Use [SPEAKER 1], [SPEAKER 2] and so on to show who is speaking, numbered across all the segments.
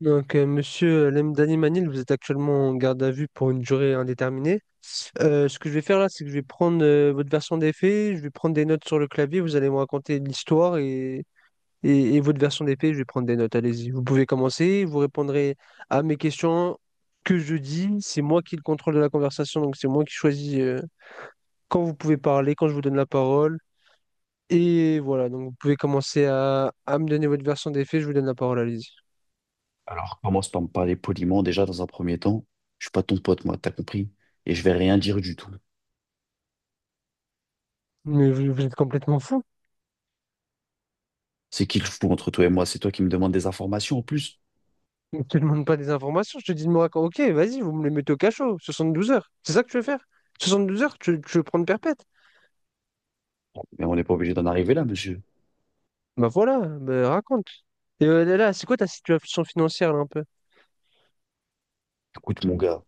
[SPEAKER 1] Donc, monsieur Lemdani Manil, vous êtes actuellement en garde à vue pour une durée indéterminée. Ce que je vais faire là, c'est que je vais prendre votre version des faits, je vais prendre des notes sur le clavier, vous allez me raconter l'histoire et votre version des faits, je vais prendre des notes. Allez-y, vous pouvez commencer, vous répondrez à mes questions que je dis. C'est moi qui ai le contrôle de la conversation, donc c'est moi qui choisis quand vous pouvez parler, quand je vous donne la parole. Et voilà, donc vous pouvez commencer à me donner votre version des faits, je vous donne la parole, allez-y.
[SPEAKER 2] Alors, commence par me parler poliment déjà dans un premier temps. Je suis pas ton pote, moi, t'as compris? Et je vais rien dire du tout.
[SPEAKER 1] Mais vous, vous êtes complètement fou.
[SPEAKER 2] C'est qui le fou entre toi et moi? C'est toi qui me demandes des informations en plus.
[SPEAKER 1] Ne te demande pas des informations, je te dis de me raconter. Ok, vas-y, vous me les mettez au cachot, 72 heures. C'est ça que tu veux faire? 72 heures, tu veux prendre perpète?
[SPEAKER 2] Mais on n'est pas obligé d'en arriver là, monsieur.
[SPEAKER 1] Bah voilà, bah raconte. Et là, c'est quoi ta situation financière là, un peu?
[SPEAKER 2] Écoute, mon gars,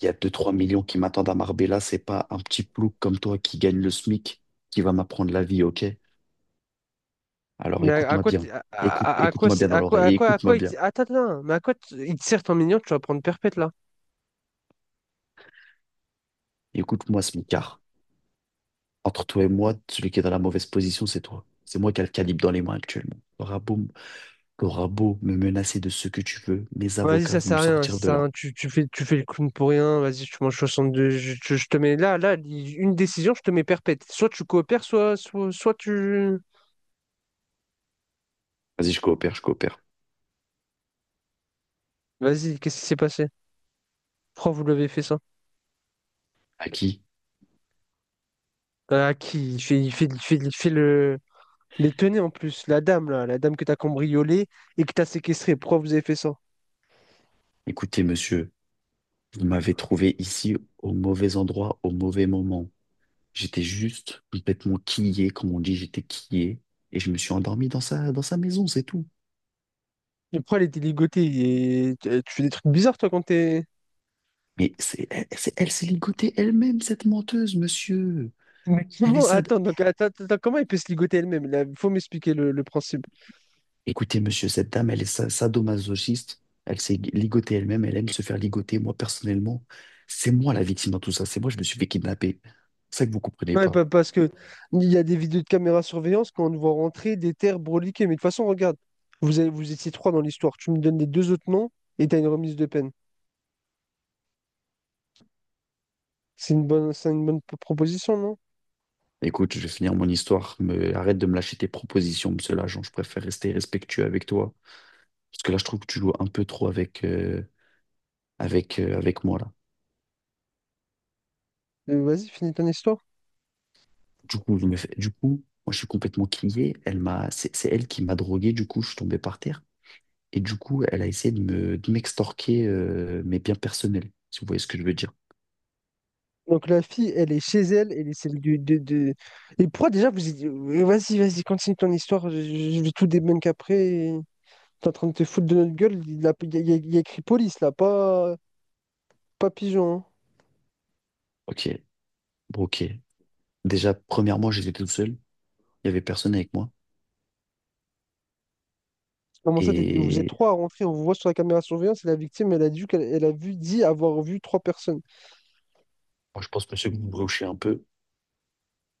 [SPEAKER 2] il y a deux trois millions qui m'attendent à Marbella. C'est pas un petit plouc comme toi qui gagne le SMIC qui va m'apprendre la vie, ok? Alors
[SPEAKER 1] Mais à
[SPEAKER 2] écoute-moi
[SPEAKER 1] quoi,
[SPEAKER 2] bien.
[SPEAKER 1] t-
[SPEAKER 2] Écoute,
[SPEAKER 1] à quoi,
[SPEAKER 2] écoute-moi bien
[SPEAKER 1] c'est-
[SPEAKER 2] dans
[SPEAKER 1] à quoi,
[SPEAKER 2] l'oreille.
[SPEAKER 1] à
[SPEAKER 2] Et
[SPEAKER 1] quoi, à
[SPEAKER 2] Écoute-moi
[SPEAKER 1] quoi, il te-
[SPEAKER 2] bien.
[SPEAKER 1] attends, attends, mais à quoi t- il te sert ton mignon, tu vas prendre perpète là?
[SPEAKER 2] Écoute-moi, smicard. Entre toi et moi, celui qui est dans la mauvaise position, c'est toi. C'est moi qui ai le calibre dans les mains actuellement. Bravo. T'auras beau me menacer de ce que tu veux, mes
[SPEAKER 1] Vas-y,
[SPEAKER 2] avocats
[SPEAKER 1] ça
[SPEAKER 2] vont me
[SPEAKER 1] sert à rien, ça
[SPEAKER 2] sortir de
[SPEAKER 1] sert à
[SPEAKER 2] là.
[SPEAKER 1] rien, tu fais le clown pour rien, vas-y, tu manges 62, je te mets là, une décision, je te mets perpète. Soit tu coopères, soit tu...
[SPEAKER 2] Vas-y, je coopère, je coopère.
[SPEAKER 1] Vas-y, qu'est-ce qui s'est passé? Pourquoi vous l'avez fait ça?
[SPEAKER 2] À qui?
[SPEAKER 1] Ah, qui il fait, il fait, il fait, il fait le... les tenez en plus, la dame que t'as cambriolée et que t'as séquestrée. Pourquoi vous avez fait ça?
[SPEAKER 2] Écoutez, monsieur, vous m'avez trouvé ici au mauvais endroit, au mauvais moment. J'étais juste complètement quillé, comme on dit, j'étais quillé, et je me suis endormi dans sa maison, c'est tout.
[SPEAKER 1] Et pourquoi elle était ligotée? Et tu fais des trucs bizarres toi quand t'es.
[SPEAKER 2] Mais elle s'est ligotée elle-même, cette menteuse, monsieur.
[SPEAKER 1] Mais
[SPEAKER 2] Elle est
[SPEAKER 1] comment?
[SPEAKER 2] sad.
[SPEAKER 1] Attends, donc, attends, attends, attends, comment elle peut se ligoter elle-même? Là, faut m'expliquer le principe.
[SPEAKER 2] Écoutez, monsieur, cette dame, sadomasochiste. Elle s'est ligotée elle-même. Elle aime se faire ligoter. Moi, personnellement, c'est moi la victime dans tout ça. C'est moi, je me suis fait kidnapper. C'est ça que vous comprenez
[SPEAKER 1] Non, mais
[SPEAKER 2] pas.
[SPEAKER 1] parce que il y a des vidéos de caméra surveillance quand on nous voit rentrer des terres broliquées. Mais de toute façon, regarde, vous étiez trois dans l'histoire. Tu me donnes les deux autres noms et t'as une remise de peine. C'est une bonne proposition, non?
[SPEAKER 2] Écoute, je vais finir mon histoire. Mais arrête de me lâcher tes propositions, monsieur l'agent. Je préfère rester respectueux avec toi. Parce que là, je trouve que tu joues un peu trop avec, avec moi, là.
[SPEAKER 1] Vas-y, finis ton histoire.
[SPEAKER 2] Du coup, moi, je suis complètement crié. C'est elle qui m'a drogué. Du coup, je suis tombé par terre. Et du coup, elle a essayé de m'extorquer mes biens personnels, si vous voyez ce que je veux dire.
[SPEAKER 1] Donc la fille, elle est chez elle, elle est celle du de... Et pourquoi déjà vas-y, vas-y, continue ton histoire, je vais tout débunk après. Et T'es en train de te foutre de notre gueule, il a, il y a- il y a- il y a écrit police là, pas, pas pigeon, hein.
[SPEAKER 2] Ok, bon, ok. Déjà, premièrement, j'étais tout seul. Il n'y avait personne avec moi.
[SPEAKER 1] Comment ça, vous êtes
[SPEAKER 2] Et
[SPEAKER 1] trois à rentrer, on vous voit sur la caméra de surveillance et la victime, elle a dit qu'elle elle a dit avoir vu trois personnes.
[SPEAKER 2] moi, je pense, monsieur, que vous me brochez un peu.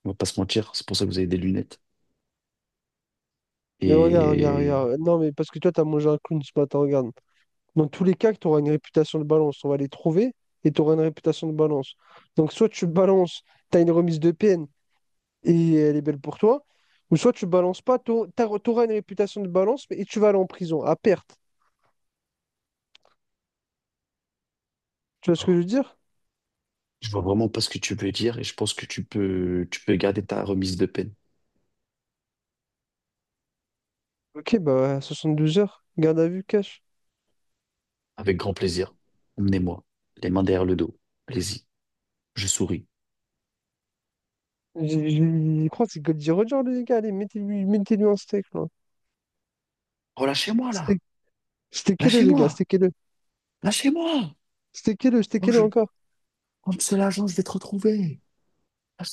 [SPEAKER 2] On va pas se mentir. C'est pour ça que vous avez des lunettes.
[SPEAKER 1] Mais regarde, regarde,
[SPEAKER 2] Et
[SPEAKER 1] regarde. Non, mais parce que toi, t'as mangé un clown ce matin, regarde. Dans tous les cas, tu auras une réputation de balance. On va les trouver et tu auras une réputation de balance. Donc, soit tu balances, tu as une remise de peine et elle est belle pour toi, ou soit tu balances pas, tu auras une réputation de balance mais- et tu vas aller en prison à perte. Tu vois ce que je
[SPEAKER 2] alors,
[SPEAKER 1] veux dire?
[SPEAKER 2] je vois vraiment pas ce que tu veux dire. Et je pense que tu peux garder ta remise de peine.
[SPEAKER 1] Ok, bah 72 heures, garde à vue, cash.
[SPEAKER 2] Avec grand plaisir. Emmenez-moi. Les mains derrière le dos. Allez-y. Je souris.
[SPEAKER 1] J'ai- j'ai- Je crois que c'est Goldie Roger, les gars. Allez, mettez-lui un steak, là.
[SPEAKER 2] Oh, lâchez-moi, là.
[SPEAKER 1] Steak- Steakez-le, les gars,
[SPEAKER 2] Lâchez-moi.
[SPEAKER 1] steakez-le.
[SPEAKER 2] Lâchez-moi.
[SPEAKER 1] Steakez-le,
[SPEAKER 2] Oh,
[SPEAKER 1] steakez-le
[SPEAKER 2] je.
[SPEAKER 1] encore.
[SPEAKER 2] Comme c'est l'agent, je vais te retrouver.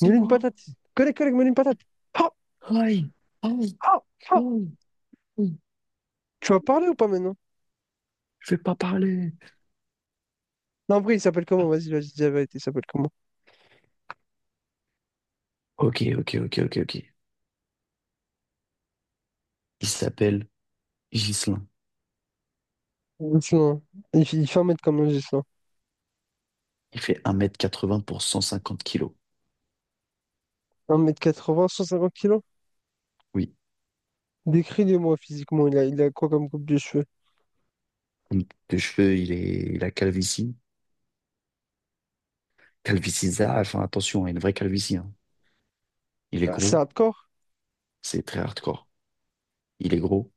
[SPEAKER 1] Mets-lui une patate. Collègue, mets-lui une patate. Ah,
[SPEAKER 2] Aïe, aïe,
[SPEAKER 1] ah,
[SPEAKER 2] aïe,
[SPEAKER 1] ah.
[SPEAKER 2] aïe. Oui.
[SPEAKER 1] Tu vas parler ou pas maintenant?
[SPEAKER 2] Je vais pas parler.
[SPEAKER 1] Non, après, il s'appelle comment?
[SPEAKER 2] Ah,
[SPEAKER 1] Vas-y, vas-y, dis la vérité, il s'appelle comment?
[SPEAKER 2] ok, ok, ok, ok, ok. Il s'appelle Ghislain.
[SPEAKER 1] Gislain. Il fait 1 m comme un Gislain.
[SPEAKER 2] Il fait un mètre quatre 80 pour 150 kilos.
[SPEAKER 1] Un mètre quatre-vingts, cent cinquante kilos?
[SPEAKER 2] Oui.
[SPEAKER 1] Décris-les-moi physiquement, il a quoi comme coupe de cheveux?
[SPEAKER 2] Comme de cheveux, il a calvitie. Calvitie, ça, enfin, attention, hein, une vraie calvitie. Hein. Il est
[SPEAKER 1] Ah, c'est
[SPEAKER 2] gros.
[SPEAKER 1] hardcore?
[SPEAKER 2] C'est très hardcore. Il est gros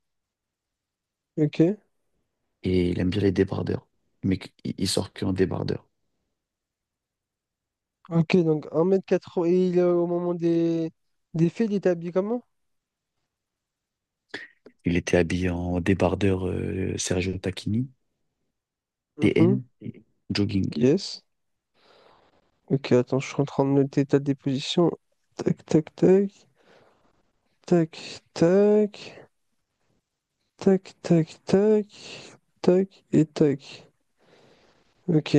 [SPEAKER 1] Ok.
[SPEAKER 2] et il aime bien les débardeurs. Mais il sort que en débardeur.
[SPEAKER 1] Ok, donc un mètre quatre-vingts, et il est au moment des faits, il est habillé comment?
[SPEAKER 2] Il était habillé en débardeur Sergio Tacchini, TN,
[SPEAKER 1] Mhm.
[SPEAKER 2] jogging.
[SPEAKER 1] Yes. Ok, attends, je suis en train de noter ta déposition. Tac, tac, tac, tac, tac, tac, tac, tac, tac et tac. Ok.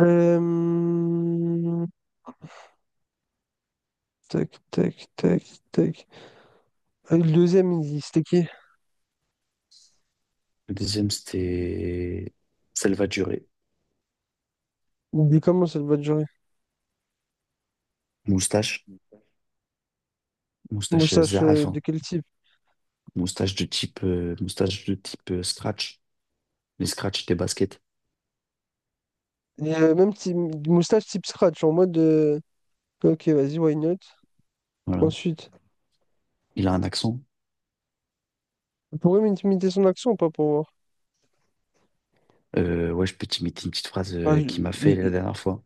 [SPEAKER 1] Euh, Tac, tac, tac, tac. Ah, c'était qui?
[SPEAKER 2] Le deuxième, c'était Salvatore.
[SPEAKER 1] Il dit comment cette bonne journée?
[SPEAKER 2] Moustache, moustache
[SPEAKER 1] Moustache
[SPEAKER 2] Zaaf,
[SPEAKER 1] de
[SPEAKER 2] hein.
[SPEAKER 1] quel type?
[SPEAKER 2] Moustache de type scratch, les scratch des baskets.
[SPEAKER 1] Et, même type, moustache type scratch, en mode ok, vas-y, why not?
[SPEAKER 2] Voilà.
[SPEAKER 1] Ensuite,
[SPEAKER 2] Il a un accent.
[SPEAKER 1] vous pourrez m'intimider son action ou pas pour voir?
[SPEAKER 2] Ouais, je peux t'imiter une petite phrase
[SPEAKER 1] Bah,
[SPEAKER 2] qu'il m'a fait la dernière fois.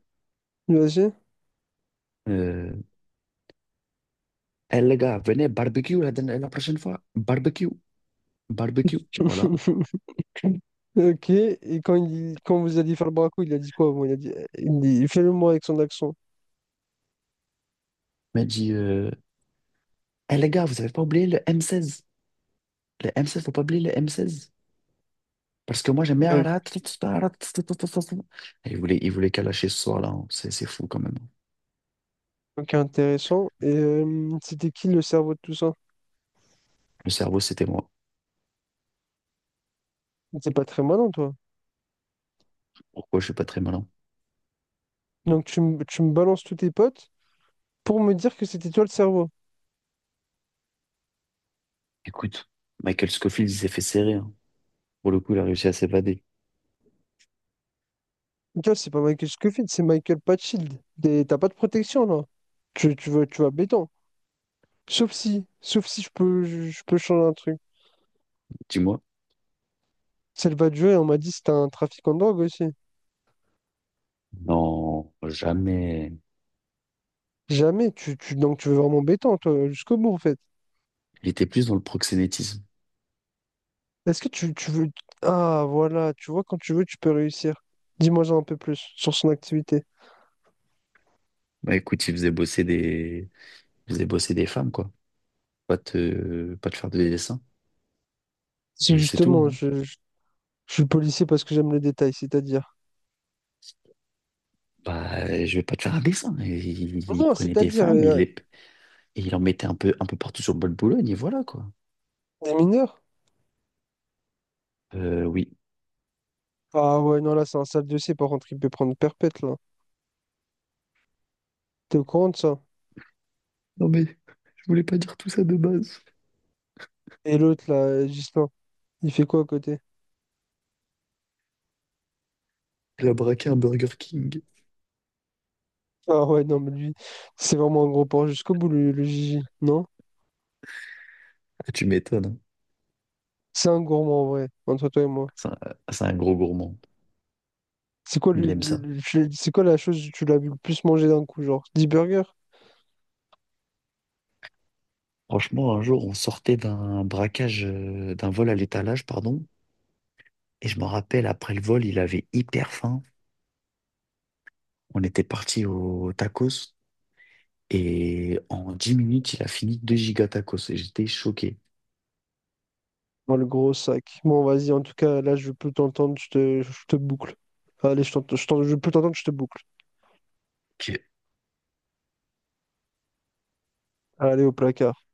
[SPEAKER 1] vas-y.
[SPEAKER 2] Euh, Eh, les gars, venez barbecue la prochaine fois. Barbecue, barbecue. Voilà.
[SPEAKER 1] Ok, et quand vous alliez faire le braco, il a dit quoi? Bon il a dit, il dit fais-le moi avec son accent.
[SPEAKER 2] Il m'a dit, eh, les gars, vous avez pas oublié le M16. Le m seize, faut pas oublier le M16. Parce que moi, j'aime bien.
[SPEAKER 1] Euh,
[SPEAKER 2] Et il voulait, il voulait qu'à lâcher ce soir-là. Hein. C'est fou quand même.
[SPEAKER 1] Ok, intéressant. Et c'était qui le cerveau de tout ça?
[SPEAKER 2] Le cerveau, c'était moi.
[SPEAKER 1] C'est pas très malin, toi.
[SPEAKER 2] Pourquoi je suis pas très malin?
[SPEAKER 1] Donc tu me balances tous tes potes pour me dire que c'était toi le cerveau.
[SPEAKER 2] Écoute, Michael Scofield, il s'est fait serrer. Hein. Pour le coup, il a réussi à s'évader.
[SPEAKER 1] Gars, c'est pas Michael Scofield, c'est Michael Patchild. T'as pas de protection là. Tu vas béton. Sauf si je peux changer un truc.
[SPEAKER 2] Dis-moi.
[SPEAKER 1] Celle va jouer, on m'a dit c'était un trafic en drogue aussi.
[SPEAKER 2] Non, jamais.
[SPEAKER 1] Jamais, donc tu veux vraiment béton, toi, jusqu'au bout en fait.
[SPEAKER 2] Il était plus dans le proxénétisme.
[SPEAKER 1] Est-ce que tu veux. Ah voilà, tu vois, quand tu veux, tu peux réussir. Dis-moi ça un peu plus sur son activité.
[SPEAKER 2] Bah écoute, il faisait bosser des femmes, quoi. Pas te faire des dessins.
[SPEAKER 1] C'est
[SPEAKER 2] Et c'est tout.
[SPEAKER 1] justement,
[SPEAKER 2] Hein.
[SPEAKER 1] je suis policier parce que j'aime le détail, c'est-à-dire.
[SPEAKER 2] Bah, je vais pas te faire un dessin. Et il
[SPEAKER 1] Non,
[SPEAKER 2] prenait des
[SPEAKER 1] c'est-à-dire,
[SPEAKER 2] femmes, et il en mettait un peu partout sur le bol de Boulogne, et voilà, quoi.
[SPEAKER 1] des mineurs.
[SPEAKER 2] Oui.
[SPEAKER 1] Ah ouais, non, là, c'est un sale dossier. Par contre, il peut prendre perpète, là. T'es au courant de ça?
[SPEAKER 2] Non, mais je voulais pas dire tout ça de base.
[SPEAKER 1] Et l'autre, là, Gislain, il fait quoi à côté?
[SPEAKER 2] Il a braqué un Burger King.
[SPEAKER 1] Ah ouais, non, mais lui, c'est vraiment un gros porc jusqu'au bout, le Gigi, non?
[SPEAKER 2] Ah, tu m'étonnes. Hein.
[SPEAKER 1] C'est un gourmand, en vrai, entre toi et moi.
[SPEAKER 2] C'est un, c'est un gros gourmand.
[SPEAKER 1] C'est quoi,
[SPEAKER 2] Il aime ça.
[SPEAKER 1] c'est quoi la chose que tu l'as vu le plus manger d'un coup, genre 10 burgers?
[SPEAKER 2] Franchement, un jour, on sortait d'un vol à l'étalage, pardon. Et je me rappelle, après le vol, il avait hyper faim. On était parti au tacos. Et en 10 minutes, il a fini 2 giga tacos. Et j'étais choqué.
[SPEAKER 1] Dans le gros sac. Bon, vas-y, en tout cas, là, je peux t'entendre, je te boucle. Allez, je peux t'entendre, je te boucle.
[SPEAKER 2] Ok.
[SPEAKER 1] Allez, au placard.